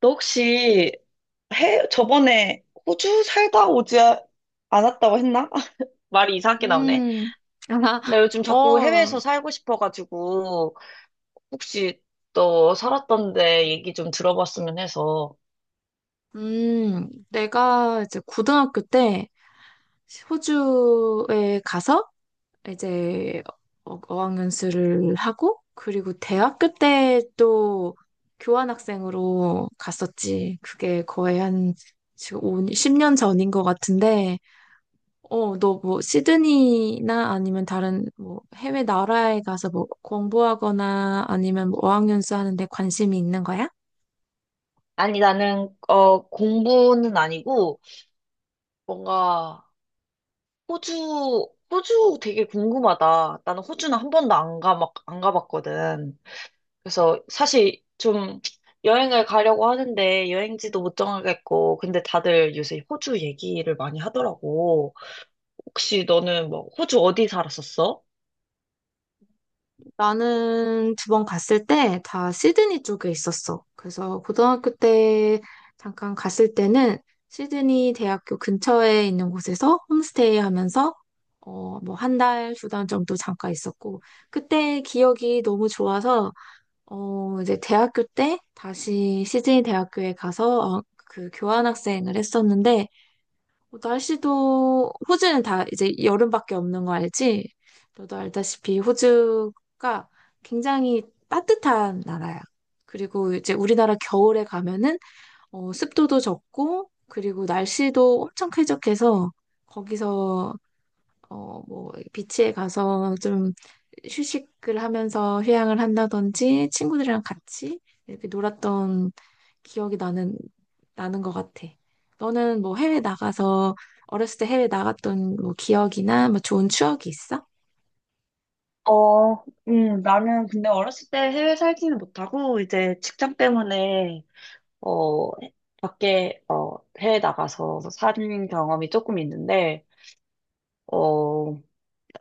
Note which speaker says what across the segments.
Speaker 1: 너 혹시 저번에 호주 살다 오지 않았다고 했나? 말이 이상하게 나오네.
Speaker 2: 음, 아,
Speaker 1: 나 요즘 자꾸
Speaker 2: 어,
Speaker 1: 해외에서 살고 싶어가지고, 혹시 너 살았던 데 얘기 좀 들어봤으면 해서.
Speaker 2: 내가 이제 고등학교 때 호주에 가서 이제 어학연수를 하고, 그리고 대학교 때 또 교환학생으로 갔었지. 그게 거의 한 지금 오 10년 전인 것 같은데, 너 뭐 시드니나 아니면 다른 뭐 해외 나라에 가서 뭐 공부하거나 아니면 뭐 어학연수 하는데 관심이 있는 거야?
Speaker 1: 아니, 나는, 공부는 아니고, 뭔가, 호주 되게 궁금하다. 나는 호주는 한 번도 안 가, 막, 안 가봤거든. 그래서 사실 좀 여행을 가려고 하는데 여행지도 못 정하겠고, 근데 다들 요새 호주 얘기를 많이 하더라고. 혹시 너는 뭐 호주 어디 살았었어?
Speaker 2: 나는 두 번 갔을 때 다 시드니 쪽에 있었어. 그래서 고등학교 때 잠깐 갔을 때는 시드니 대학교 근처에 있는 곳에서 홈스테이 하면서 뭐 한 달, 두 달 정도 잠깐 있었고 그때 기억이 너무 좋아서 이제 대학교 때 다시 시드니 대학교에 가서 그 교환학생을 했었는데 뭐 날씨도 호주는 다 이제 여름밖에 없는 거 알지? 너도 알다시피 호주가 굉장히 따뜻한 나라야. 그리고 이제 우리나라 겨울에 가면은 습도도 적고 그리고 날씨도 엄청 쾌적해서 거기서 비치에 가서 좀 휴식을 하면서 휴양을 한다든지 친구들이랑 같이 이렇게 놀았던 기억이 나는 것 같아. 너는 뭐 해외 나가서 어렸을 때 해외 나갔던 뭐 기억이나 뭐 좋은 추억이 있어?
Speaker 1: 어, 나는 근데 어렸을 때 해외 살지는 못하고, 이제 직장 때문에 어, 해외 나가서 산 경험이 조금 있는데, 어,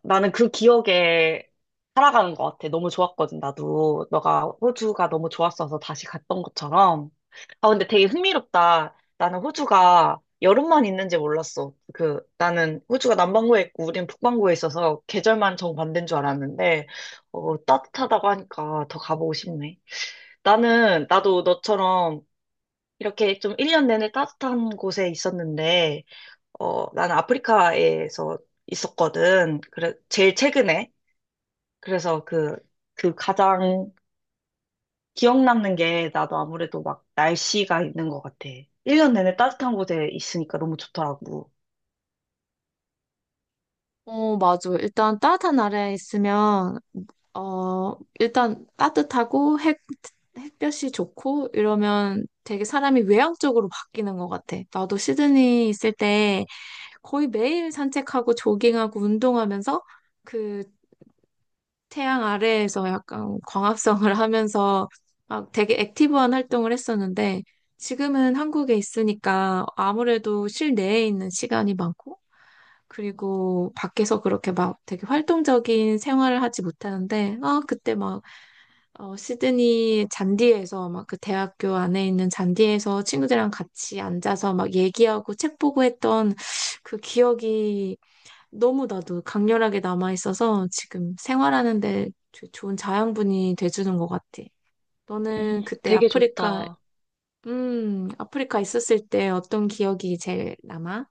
Speaker 1: 나는 그 기억에 살아가는 것 같아. 너무 좋았거든, 나도. 너가 호주가 너무 좋았어서 다시 갔던 것처럼. 아, 근데 되게 흥미롭다. 나는 호주가 여름만 있는지 몰랐어. 나는 호주가 남반구에 있고 우린 북반구에 있어서 계절만 정반대인 줄 알았는데, 따뜻하다고 하니까 더 가보고 싶네. 나도 너처럼 이렇게 좀 1년 내내 따뜻한 곳에 있었는데, 나는 아프리카에서 있었거든. 그래, 제일 최근에. 그래서 그 가장 기억 남는 게 나도 아무래도 막 날씨가 있는 것 같아. 1년 내내 따뜻한 곳에 있으니까 너무 좋더라고.
Speaker 2: 맞아. 일단 따뜻한 나라에 있으면, 어, 일단 따뜻하고 햇볕이 좋고 이러면 되게 사람이 외향적으로 바뀌는 것 같아. 나도 시드니 있을 때 거의 매일 산책하고 조깅하고 운동하면서 그 태양 아래에서 약간 광합성을 하면서 막 되게 액티브한 활동을 했었는데 지금은 한국에 있으니까 아무래도 실내에 있는 시간이 많고 그리고 밖에서 그렇게 막 되게 활동적인 생활을 하지 못하는데 아 그때 막 시드니 잔디에서 막 그 대학교 안에 있는 잔디에서 친구들이랑 같이 앉아서 막 얘기하고 책 보고 했던 그 기억이 너무 나도 강렬하게 남아있어서 지금 생활하는데 좋은 자양분이 돼주는 것 같아.
Speaker 1: 음,
Speaker 2: 너는 그때
Speaker 1: 되게
Speaker 2: 아프리카,
Speaker 1: 좋다.
Speaker 2: 아프리카 있었을 때 어떤 기억이 제일 남아?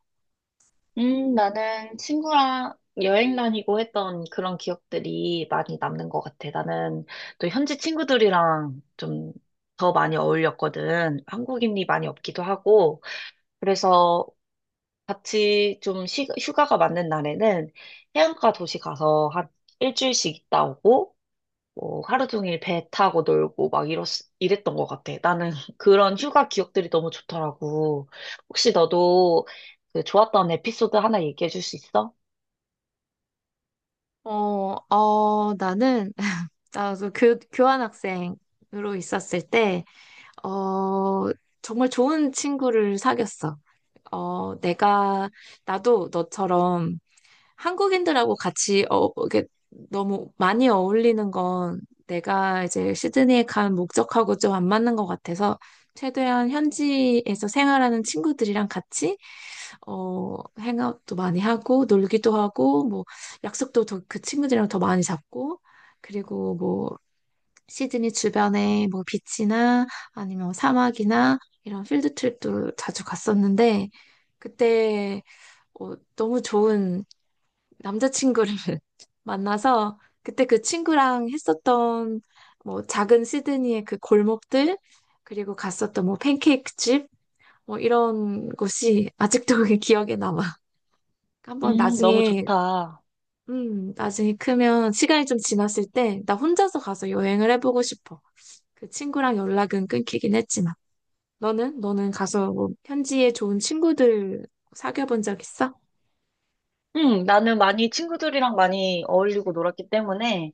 Speaker 1: 나는 친구랑 여행 다니고 했던 그런 기억들이 많이 남는 것 같아. 나는 또 현지 친구들이랑 좀 더 많이 어울렸거든. 한국인이 많이 없기도 하고. 그래서 같이 좀 휴가가 맞는 날에는 해안가 도시 가서 한 일주일씩 있다 오고, 뭐 하루 종일 배 타고 놀고 막 이랬던 것 같아. 나는 그런 휴가 기억들이 너무 좋더라고. 혹시 너도 그 좋았던 에피소드 하나 얘기해 줄 수 있어?
Speaker 2: 나는, 나도 교환학생으로 있었을 때, 어, 정말 좋은 친구를 사귀었어. 어, 내가, 나도 너처럼 한국인들하고 같이 이게 너무 많이 어울리는 건 내가 이제 시드니에 간 목적하고 좀 안 맞는 것 같아서 최대한 현지에서 생활하는 친구들이랑 같이 행업도 많이 하고 놀기도 하고 뭐 약속도 그 친구들이랑 더 많이 잡고 그리고 뭐 시드니 주변에 뭐 비치나 아니면 사막이나 이런 필드 트립도 자주 갔었는데 그때 너무 좋은 남자친구를 만나서 그때 그 친구랑 했었던 뭐 작은 시드니의 그 골목들 그리고 갔었던 뭐 팬케이크 집 뭐 이런 곳이 아직도 그게 기억에 남아. 한번
Speaker 1: 너무
Speaker 2: 나중에
Speaker 1: 좋다.
Speaker 2: 나중에 크면 시간이 좀 지났을 때 나 혼자서 가서 여행을 해보고 싶어. 그 친구랑 연락은 끊기긴 했지만 너는 가서 뭐 현지에 좋은 친구들 사귀어 본 적 있어?
Speaker 1: 나는 많이 친구들이랑 많이 어울리고 놀았기 때문에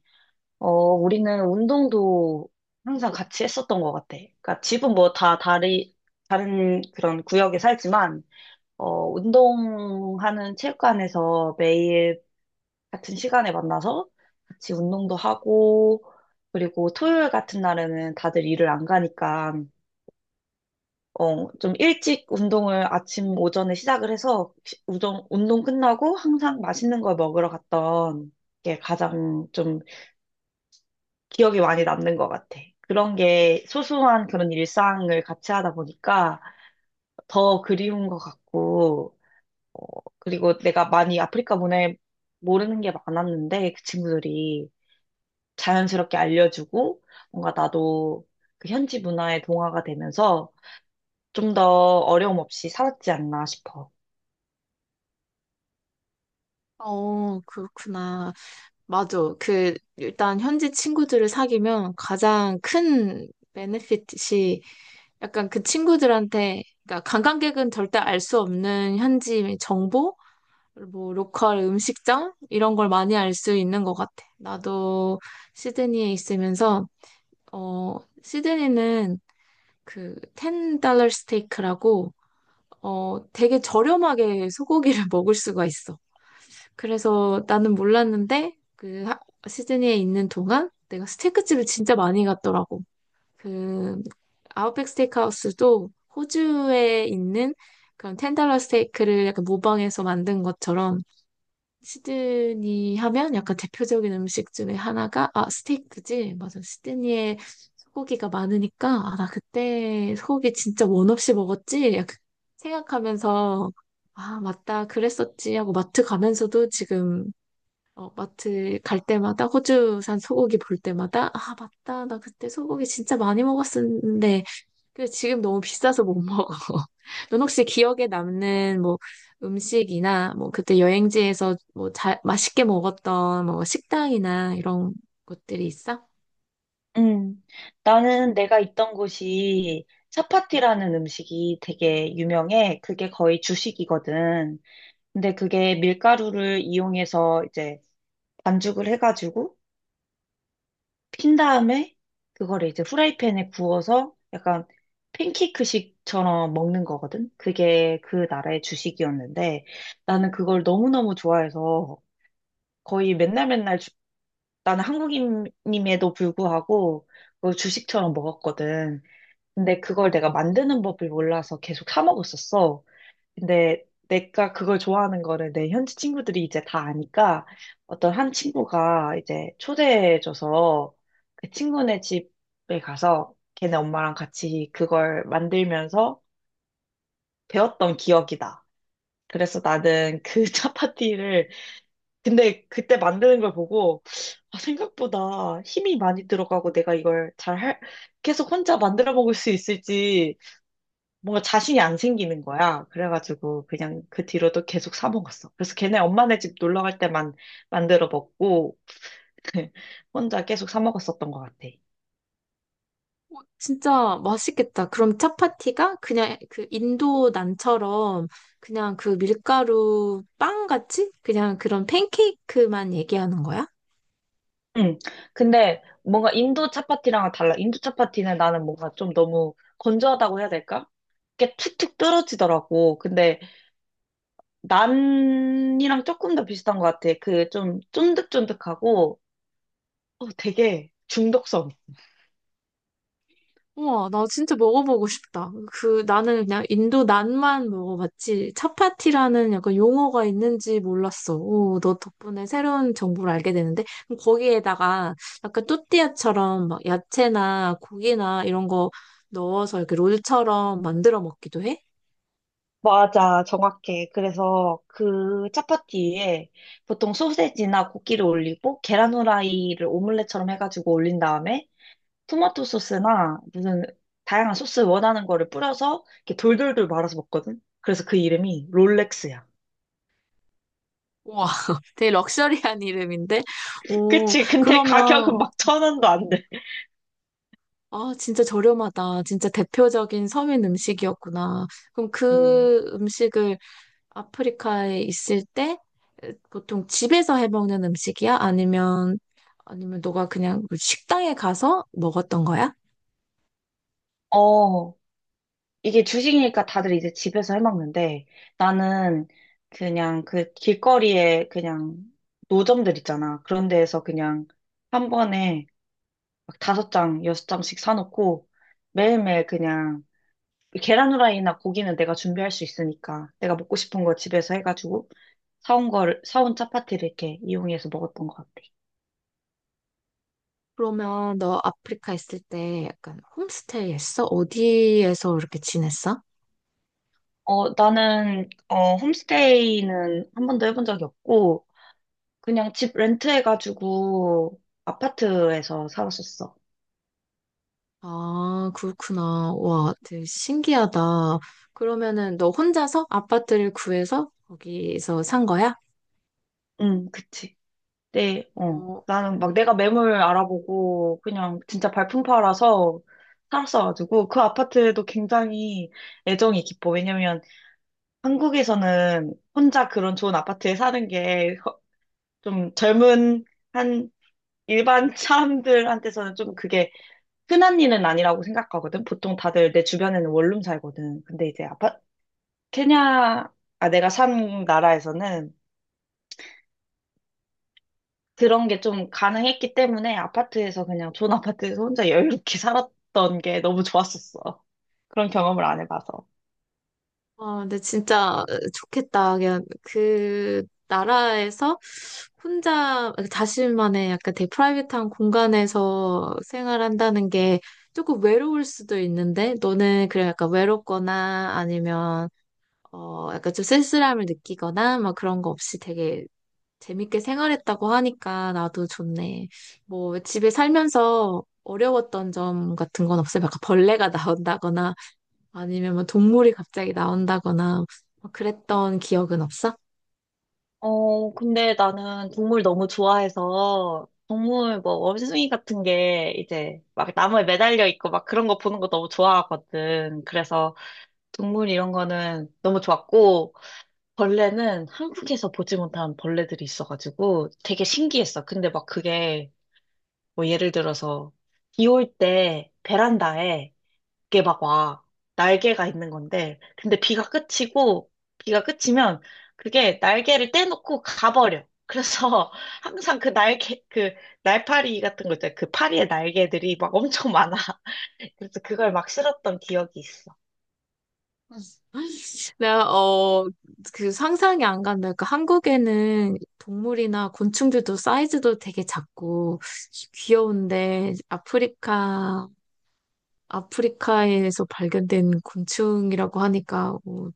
Speaker 1: 우리는 운동도 항상 같이 했었던 것 같아. 그러니까 집은 뭐 다른 그런 구역에 살지만, 운동하는 체육관에서 매일 같은 시간에 만나서 같이 운동도 하고, 그리고 토요일 같은 날에는 다들 일을 안 가니까, 좀 일찍 운동을 아침 오전에 시작을 해서 운동 끝나고 항상 맛있는 걸 먹으러 갔던 게 가장 좀 기억이 많이 남는 것 같아. 그런 게 소소한 그런 일상을 같이 하다 보니까 더 그리운 것 같고, 어, 그리고 내가 많이 아프리카 문화에 모르는 게 많았는데 그 친구들이 자연스럽게 알려주고 뭔가 나도 그 현지 문화에 동화가 되면서 좀 더 어려움 없이 살았지 않나 싶어.
Speaker 2: 그렇구나. 맞아. 그, 일단 현지 친구들을 사귀면 가장 큰 베네핏이 약간 그 친구들한테, 그러니까 관광객은 절대 알 수 없는 현지 정보? 뭐, 로컬 음식점? 이런 걸 많이 알 수 있는 것 같아. 나도 시드니에 있으면서, 어, 시드니는 그, 10달러 스테이크라고, 되게 저렴하게 소고기를 먹을 수가 있어. 그래서 나는 몰랐는데 그 시드니에 있는 동안 내가 스테이크집을 진짜 많이 갔더라고. 그 아웃백 스테이크하우스도 호주에 있는 그런 텐달러 스테이크를 약간 모방해서 만든 것처럼 시드니 하면 약간 대표적인 음식 중에 하나가 아 스테이크지. 맞아. 시드니에 소고기가 많으니까 아 나 그때 소고기 진짜 원 없이 먹었지. 약간 생각하면서 아 맞다 그랬었지 하고 마트 가면서도 지금 마트 갈 때마다 호주산 소고기 볼 때마다 아, 맞다. 나 그때 소고기 진짜 많이 먹었었는데 그 지금 너무 비싸서 못 먹어. 넌 혹시 기억에 남는 뭐 음식이나 뭐 그때 여행지에서 뭐 잘 맛있게 먹었던 뭐 식당이나 이런 것들이 있어?
Speaker 1: 음, 나는 내가 있던 곳이 차파티라는 음식이 되게 유명해. 그게 거의 주식이거든. 근데 그게 밀가루를 이용해서 이제 반죽을 해가지고 핀 다음에 그거를 이제 후라이팬에 구워서 약간 팬케이크식처럼 먹는 거거든? 그게 그 나라의 주식이었는데 나는 그걸 너무너무 좋아해서 거의 맨날 맨날 나는 한국인임에도 불구하고 그걸 주식처럼 먹었거든. 근데 그걸 내가 만드는 법을 몰라서 계속 사 먹었었어. 근데 내가 그걸 좋아하는 거를 내 현지 친구들이 이제 다 아니까 어떤 한 친구가 이제 초대해줘서 그 친구네 집에 가서 걔네 엄마랑 같이 그걸 만들면서 배웠던 기억이다. 그래서 나는 그 차파티를 근데 그때 만드는 걸 보고 아, 생각보다 힘이 많이 들어가고 내가 이걸 계속 혼자 만들어 먹을 수 있을지 뭔가 자신이 안 생기는 거야. 그래가지고 그냥 그 뒤로도 계속 사 먹었어. 그래서 걔네 엄마네 집 놀러 갈 때만 만들어 먹고 혼자 계속 사 먹었었던 것 같아.
Speaker 2: 진짜 맛있겠다. 그럼 차파티가 그냥 그 인도 난처럼 그냥 그 밀가루 빵 같이 그냥 그런 팬케이크만 얘기하는 거야?
Speaker 1: 응. 근데 뭔가 인도 차파티랑은 달라. 인도 차파티는 나는 뭔가 좀 너무 건조하다고 해야 될까? 이게 툭툭 떨어지더라고. 근데 난이랑 조금 더 비슷한 것 같아. 그 좀 쫀득쫀득하고 되게 중독성.
Speaker 2: 우와, 나 진짜 먹어보고 싶다. 그, 나는 그냥 인도 난만 먹어봤지, 차파티라는 약간 용어가 있는지 몰랐어. 오, 너 덕분에 새로운 정보를 알게 되는데, 그럼 거기에다가 약간 또띠아처럼 막 야채나 고기나 이런 거 넣어서 이렇게 롤처럼 만들어 먹기도 해?
Speaker 1: 맞아, 정확해. 그래서 그 차파티에 보통 소세지나 고기를 올리고 계란 후라이를 오믈렛처럼 해가지고 올린 다음에 토마토 소스나 무슨 다양한 소스 원하는 거를 뿌려서 이렇게 돌돌돌 말아서 먹거든. 그래서 그 이름이 롤렉스야.
Speaker 2: 우와, 되게 럭셔리한 이름인데? 오,
Speaker 1: 그치? 근데 가격은
Speaker 2: 그러면,
Speaker 1: 막 천 원도 안 돼.
Speaker 2: 아, 진짜 저렴하다. 진짜 대표적인 서민 음식이었구나. 그럼
Speaker 1: 음.
Speaker 2: 그 음식을 아프리카에 있을 때 보통 집에서 해먹는 음식이야? 아니면 너가 그냥 그 식당에 가서 먹었던 거야?
Speaker 1: 어, 이게 주식이니까 다들 이제 집에서 해먹는데 나는 그냥 그 길거리에 그냥 노점들 있잖아. 그런 데에서 그냥 한 번에 막 다섯 장, 여섯 장씩 사놓고 매일매일 그냥 계란 후라이나 고기는 내가 준비할 수 있으니까 내가 먹고 싶은 거 집에서 해가지고 사온 차파티를 이렇게 이용해서 먹었던 것 같아.
Speaker 2: 그러면 너 아프리카 있을 때 약간 홈스테이 했어? 어디에서 이렇게 지냈어?
Speaker 1: 나는, 홈스테이는 한 번도 해본 적이 없고, 그냥 집 렌트해가지고 아파트에서 살았었어.
Speaker 2: 아, 그렇구나. 와, 되게 신기하다. 그러면은 너 혼자서 아파트를 구해서 거기서 산 거야?
Speaker 1: 응, 그치. 네, 어.
Speaker 2: 어,
Speaker 1: 나는 막 내가 매물 알아보고 그냥 진짜 발품 팔아서 살았어가지고 그 아파트도 굉장히 애정이 깊어. 왜냐면 한국에서는 혼자 그런 좋은 아파트에 사는 게 좀 젊은 한 일반 사람들한테서는 좀 그게 흔한 일은 아니라고 생각하거든. 보통 다들 내 주변에는 원룸 살거든. 근데 이제 케냐, 아, 내가 산 나라에서는 그런 게 좀 가능했기 때문에 아파트에서 그냥 존 아파트에서 혼자 여유롭게 살았던 게 너무 좋았었어. 그런 경험을 안 해봐서.
Speaker 2: 아, 근데 진짜 좋겠다. 그냥 그 나라에서 혼자 자신만의 약간 되게 프라이빗한 공간에서 생활한다는 게 조금 외로울 수도 있는데 너는 그래 약간 외롭거나 아니면 약간 좀 쓸쓸함을 느끼거나 막 그런 거 없이 되게 재밌게 생활했다고 하니까 나도 좋네. 뭐 집에 살면서 어려웠던 점 같은 건 없어요? 약간 벌레가 나온다거나 아니면 뭐 동물이 갑자기 나온다거나 뭐 그랬던 기억은 없어?
Speaker 1: 근데 나는 동물 너무 좋아해서 동물 뭐 원숭이 같은 게 이제 막 나무에 매달려 있고 막 그런 거 보는 거 너무 좋아하거든. 그래서 동물 이런 거는 너무 좋았고 벌레는 한국에서 보지 못한 벌레들이 있어가지고 되게 신기했어. 근데 막 그게 뭐 예를 들어서 비올 때 베란다에 이게 막 와. 날개가 있는 건데 근데 비가 그치면 그게 날개를 떼놓고 가버려. 그래서 항상 그 날개 그 날파리 같은 거 있잖아. 그 파리의 날개들이 막 엄청 많아. 그래서 그걸 막 실었던 기억이 있어.
Speaker 2: 내가 그 상상이 안 간다. 그러니까 한국에는 동물이나 곤충들도 사이즈도 되게 작고 귀여운데 아프리카에서 발견된 곤충이라고 하니까 어,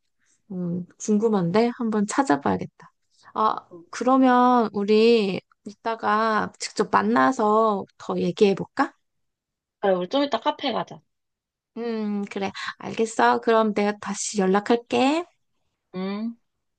Speaker 2: 음, 궁금한데 한번 찾아봐야겠다. 아 그러면 우리 이따가 직접 만나서 더 얘기해 볼까?
Speaker 1: 그래, 우리 좀 이따 카페 가자.
Speaker 2: 그래. 알겠어. 그럼 내가 다시 연락할게.
Speaker 1: 음.